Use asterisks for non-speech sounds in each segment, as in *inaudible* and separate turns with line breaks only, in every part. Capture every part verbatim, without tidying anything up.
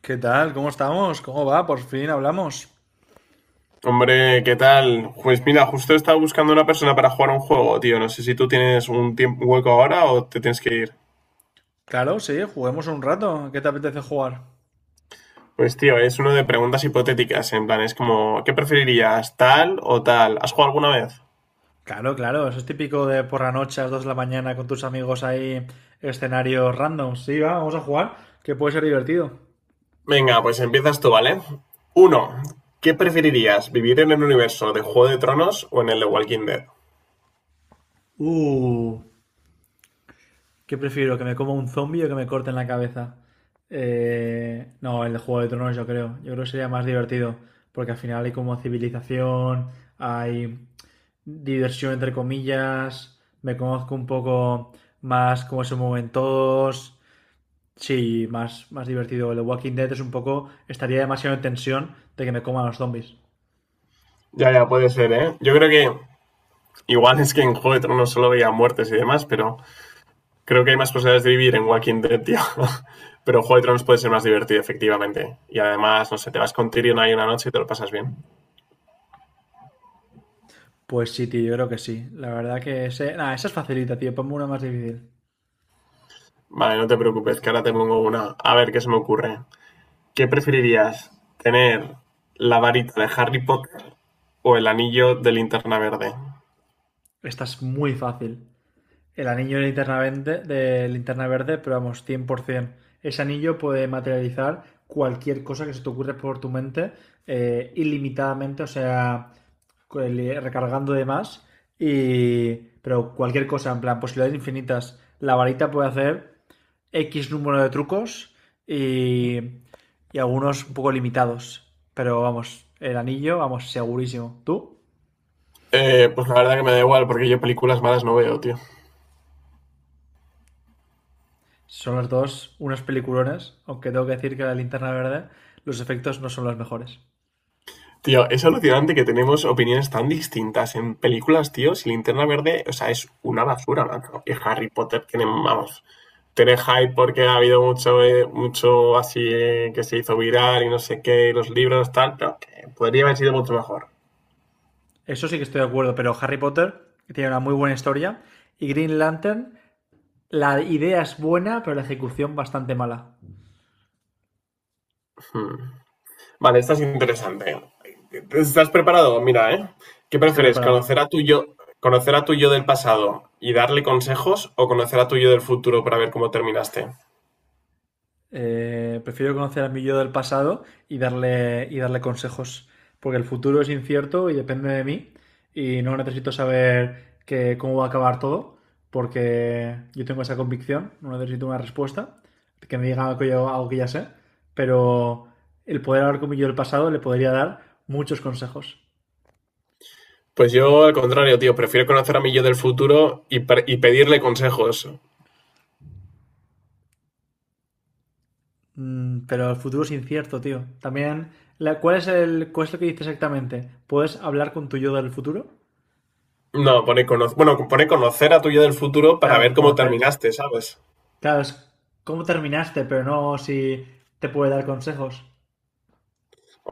¿Qué tal? ¿Cómo estamos? ¿Cómo va? Por fin hablamos.
Hombre, ¿qué tal? Pues mira, justo estaba buscando una persona para jugar un juego, tío. No sé si tú tienes un tiempo un hueco ahora o te tienes que ir.
Claro, sí, juguemos un rato. ¿Qué te apetece jugar?
Pues tío, es uno de preguntas hipotéticas, en plan, es como, ¿qué preferirías, tal o tal? ¿Has jugado alguna vez?
Claro, claro, eso es típico de por la noche a las dos de la mañana con tus amigos ahí, escenarios random. Sí, va, vamos a jugar, que puede ser divertido.
Venga, pues empiezas tú, ¿vale? Uno, ¿qué preferirías, vivir en el universo de Juego de Tronos o en el de Walking Dead?
Uh, ¿Qué prefiero? ¿Que me coma un zombie o que me corten la cabeza? Eh, no, el de Juego de Tronos yo creo. Yo creo que sería más divertido. Porque al final hay como civilización, hay diversión entre comillas, me conozco un poco más cómo se mueven todos. Sí, más, más divertido. El de Walking Dead es un poco, estaría demasiado en tensión de que me coman los zombies.
Ya, ya, puede ser, ¿eh? Yo creo que igual es que en Juego de Tronos solo veía muertes y demás, pero creo que hay más posibilidades de vivir en Walking Dead, tío. *laughs* Pero Juego de Tronos puede ser más divertido, efectivamente. Y además, no sé, te vas con Tyrion ahí una noche y te lo pasas bien.
Pues sí, tío, yo creo que sí. La verdad que ese, nah, esa es facilita, tío. Ponme una más difícil.
Vale, no te preocupes, que ahora te pongo una. A ver, ¿qué se me ocurre? ¿Qué preferirías? ¿Tener la varita de Harry Potter o el anillo de linterna verde?
Esta es muy fácil. El anillo de linterna verde, de linterna verde, pero vamos, cien por ciento. Ese anillo puede materializar cualquier cosa que se te ocurra por tu mente, eh, ilimitadamente, o sea, el- recargando de más, y, pero cualquier cosa, en plan, posibilidades infinitas. La varita puede hacer X número de trucos y, y algunos un poco limitados, pero vamos, el anillo, vamos, segurísimo. ¿Tú?
Eh, pues la verdad que me da igual, porque yo películas malas no veo, tío.
Son los dos unos peliculones, aunque tengo que decir que la linterna verde, los efectos no son los mejores.
Tío, es alucinante que tenemos opiniones tan distintas en películas, tío. Si Linterna Verde, o sea, es una basura, macho. Y Harry Potter tiene, vamos, tener hype porque ha habido mucho, eh, mucho así eh, que se hizo viral y no sé qué, los libros, tal, pero que podría haber sido mucho mejor.
Eso sí que estoy de acuerdo, pero Harry Potter tiene una muy buena historia y Green Lantern, la idea es buena, pero la ejecución bastante mala.
Hmm. Vale, esta es interesante. ¿Estás preparado? Mira, ¿eh? ¿Qué
Estoy
prefieres?
preparado.
¿Conocer a tu yo, ¿conocer a tu yo del pasado y darle consejos o conocer a tu yo del futuro para ver cómo terminaste?
Eh, prefiero conocer a mi yo del pasado y darle, y darle consejos, porque el futuro es incierto y depende de mí y no necesito saber que, cómo va a acabar todo, porque yo tengo esa convicción, no necesito una respuesta que me diga algo que, yo, algo que ya sé, pero el poder hablar con mi yo del pasado le podría dar muchos consejos.
Pues yo, al contrario, tío, prefiero conocer a mi yo del futuro y, pre- y pedirle consejos.
Mm, pero el futuro es incierto, tío. También, la- ¿cuál, es el, ¿cuál es lo que dice exactamente? ¿Puedes hablar con tu yo del futuro?
No, pone cono- bueno, pone conocer a tu yo del futuro para
Claro,
ver cómo
conocer.
terminaste, ¿sabes?
Claro, es cómo terminaste, pero no si te puede dar consejos.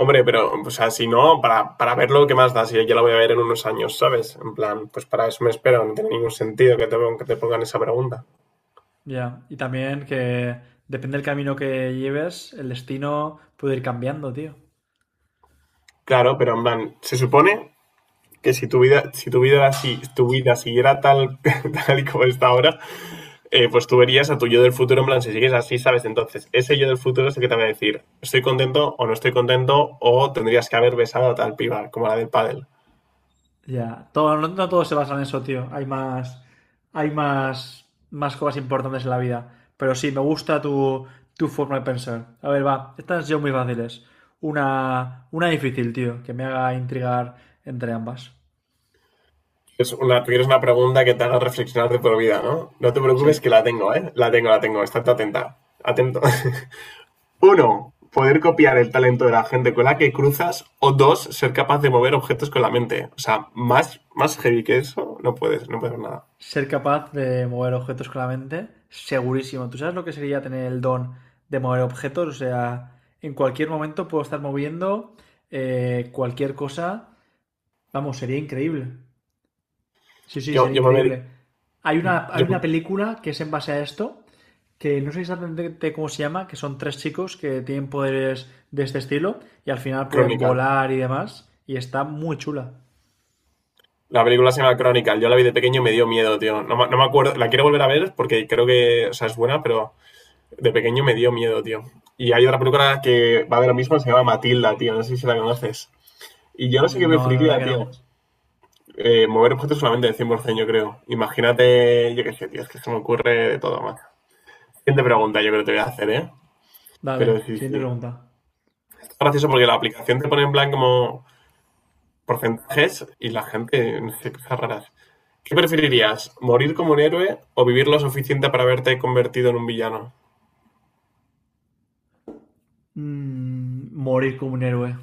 Hombre, pero, o sea, si no, para, para verlo, ¿qué más da? Si ya lo voy a ver en unos años, ¿sabes? En plan, pues para eso me espero, no tiene ningún sentido que te, que te pongan esa pregunta.
Ya, y también que depende del camino que lleves, el destino puede ir cambiando, tío.
Claro, pero en plan, se supone que si tu vida, si tu vida, si tu vida siguiera tal, *laughs* tal y como está ahora, eh, pues tú verías a tu yo del futuro, en plan, si sigues así, ¿sabes? Entonces, ese yo del futuro es el que te va a decir, estoy contento o no estoy contento, o tendrías que haber besado a tal piba, como la del pádel.
Ya, todo, no, no todo se basa en eso, tío. Hay más, hay más, más cosas importantes en la vida. Pero sí, me gusta tu, tu forma de pensar. A ver, va, estas son muy fáciles. Una, una difícil, tío, que me haga intrigar entre ambas.
Es una, tú quieres una pregunta que te haga reflexionar de por vida, ¿no? No te preocupes que
Sí.
la tengo, ¿eh? La tengo, la tengo. Estate atenta. Atento. *laughs* Uno, poder copiar el talento de la gente con la que cruzas. O dos, ser capaz de mover objetos con la mente. O sea, más, más heavy que eso, no puedes, no puedes nada.
Ser capaz de mover objetos con la mente, segurísimo. ¿Tú sabes lo que sería tener el don de mover objetos? O sea, en cualquier momento puedo estar moviendo eh, cualquier cosa. Vamos, sería increíble. Sí, sí,
Yo,
sería
yo me vi...
increíble. Hay una, hay
yo,
una película que es en base a esto, que no sé exactamente cómo se llama, que son tres chicos que tienen poderes de este estilo y al final pueden
Chronicle.
volar y demás. Y está muy chula.
La película se llama Chronicle. Yo la vi de pequeño y me dio miedo, tío. No, no me acuerdo. La quiero volver a ver porque creo que, o sea, es buena, pero de pequeño me dio miedo, tío. Y hay otra película que va de lo mismo, se llama Matilda, tío. No sé si la conoces. Y yo no sé qué
No, la verdad
preferiría,
que
tío.
no.
Eh, mover objetos solamente del cien por cien por ciento, yo creo. Imagínate, yo qué sé, tío. Es que se me ocurre de todo, macho. Siguiente pregunta, yo creo que te voy a hacer, ¿eh? Pero
Dale,
sí,
siguiente
sí.
pregunta.
Es gracioso porque la aplicación te pone en plan como porcentajes y la gente, no sé, cosas raras. ¿Qué preferirías? ¿Morir como un héroe o vivir lo suficiente para haberte convertido en un villano?
Mm, morir como un héroe.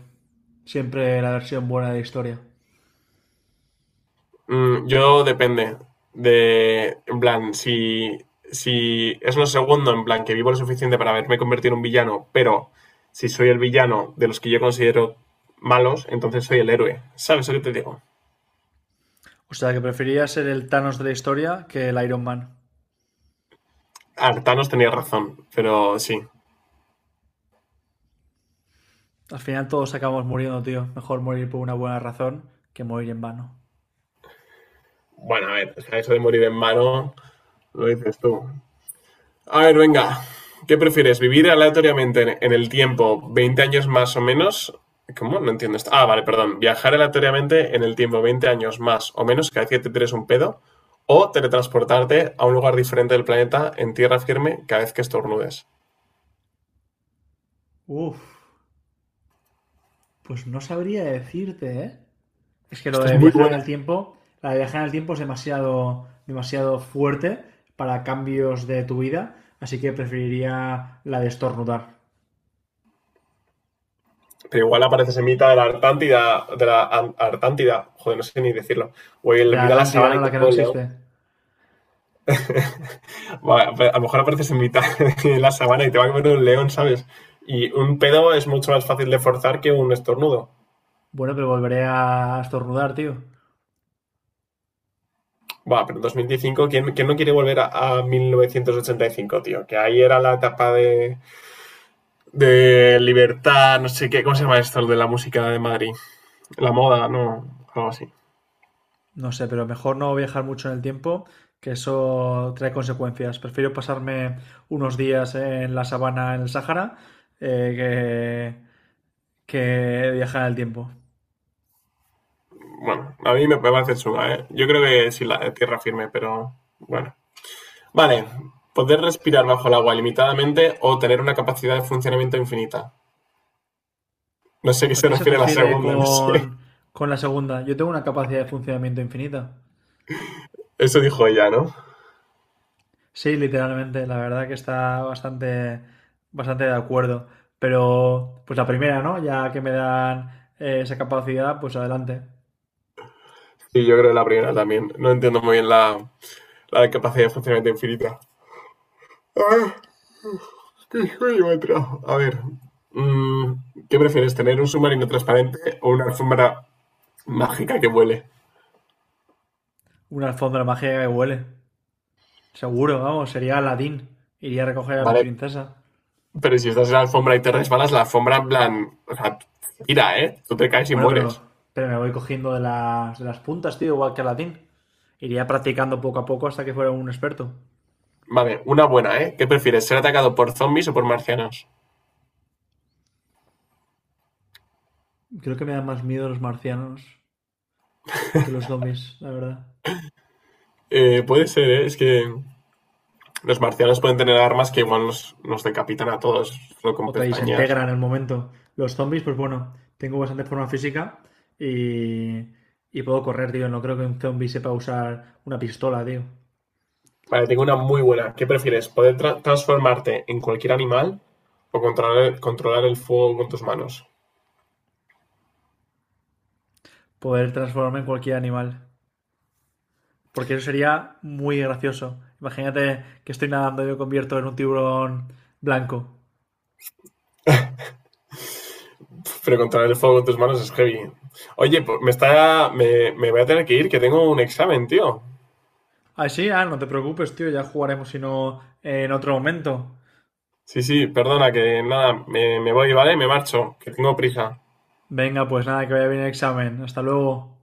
Siempre la versión buena de la historia.
Mm, yo depende de, en plan, si, si es lo segundo, en plan, que vivo lo suficiente para haberme convertido en un villano, pero si soy el villano de los que yo considero malos, entonces soy el héroe. ¿Sabes lo que te digo?
O sea, que preferiría ser el Thanos de la historia que el Iron Man.
Artanos tenía razón, pero sí.
Al final todos acabamos muriendo, tío. Mejor morir por una buena razón que morir en vano.
Bueno, a ver, o sea, eso de morir en mano, lo dices tú. A ver, venga. ¿Qué prefieres? ¿Vivir aleatoriamente en en el tiempo veinte años más o menos? ¿Cómo? No entiendo esto. Ah, vale, perdón. ¿Viajar aleatoriamente en el tiempo veinte años más o menos cada vez que te tires un pedo? ¿O teletransportarte a un lugar diferente del planeta en tierra firme cada vez que estornudes?
Uf, pues no sabría decirte, ¿eh? Es que lo
Esta es
de
muy
viajar en
buena.
el tiempo, la de viajar en el tiempo es demasiado, demasiado fuerte para cambios de tu vida, así que preferiría la de estornudar.
Pero igual apareces en mitad de la Artántida, de la Ar- Artántida, joder, no sé ni decirlo. O
De
en
la
mitad de la
Atlántida,
sabana
¿no?
y
La
te
que no
come un león.
existe.
Va, a lo mejor apareces en mitad *laughs* de la sabana y te va a comer un león, ¿sabes? Y un pedo es mucho más fácil de forzar que un estornudo.
Bueno, pero volveré a estornudar, tío.
Va, pero en dos mil quince, ¿quién, quién no quiere volver a, a mil novecientos ochenta y cinco, tío? Que ahí era la etapa de, de libertad, no sé qué, ¿cómo se llama esto?, de la música de Madrid. La moda, ¿no? Algo así.
No sé, pero mejor no viajar mucho en el tiempo, que eso trae consecuencias. Prefiero pasarme unos días en la sabana, en el Sáhara, eh, que, que viajar en el tiempo.
Bueno, a mí me parece chunga, ¿eh? Yo creo que sí, la eh, tierra firme, pero bueno. Vale, poder respirar bajo el agua limitadamente o tener una capacidad de funcionamiento infinita. No sé a qué
¿A
se
qué se
refiere la
refiere
segunda, no sé.
con, con la segunda? Yo tengo una capacidad de funcionamiento infinita.
Eso dijo ella, ¿no?
Sí, literalmente, la verdad que está bastante, bastante de acuerdo. Pero, pues la primera, ¿no? Ya que me dan eh, esa capacidad, pues adelante.
Y yo creo que la primera también. No entiendo muy bien la, la capacidad de funcionamiento infinita. Ah, qué sueño me trajo. A ver, mm, ¿qué prefieres, tener un submarino transparente o una alfombra mágica que vuele?
Una alfombra mágica que huele. Seguro, vamos, sería Aladdin. Iría a recoger a mi
Vale,
princesa.
pero si estás en la alfombra y te resbalas, la alfombra, en plan, o sea, tira, ¿eh? Tú te caes y
Bueno,
mueres.
pero, pero me voy cogiendo de las, de las puntas, tío, igual que Aladdin. Iría practicando poco a poco hasta que fuera un experto.
Vale, una buena, ¿eh? ¿Qué prefieres, ser atacado por zombies o por marcianos?
Creo que me dan más miedo los marcianos que los zombies, la verdad.
Eh, puede ser, ¿eh? Es que. Los marcianos pueden tener armas que igual nos, nos decapitan a todos, solo con
O te
pestañas.
desintegran en el momento. Los zombies, pues bueno, tengo bastante forma física y, y puedo correr, tío. No creo que un zombie sepa usar una pistola, tío.
Vale, tengo una muy buena. ¿Qué prefieres? ¿Poder tra- transformarte en cualquier animal o controlar el, controlar el fuego con tus manos?
Poder transformarme en cualquier animal. Porque eso sería muy gracioso. Imagínate que estoy nadando y me convierto en un tiburón blanco.
Pero controlar el fuego con tus manos es heavy. Oye, pues, me está. Me, me voy a tener que ir, que tengo un examen, tío.
Ah, sí, ah, no te preocupes, tío, ya jugaremos si no en otro momento.
Sí, sí, perdona, que nada, me, me voy, ¿vale? Me marcho, que tengo prisa.
Venga, pues nada, que vaya bien el examen. Hasta luego.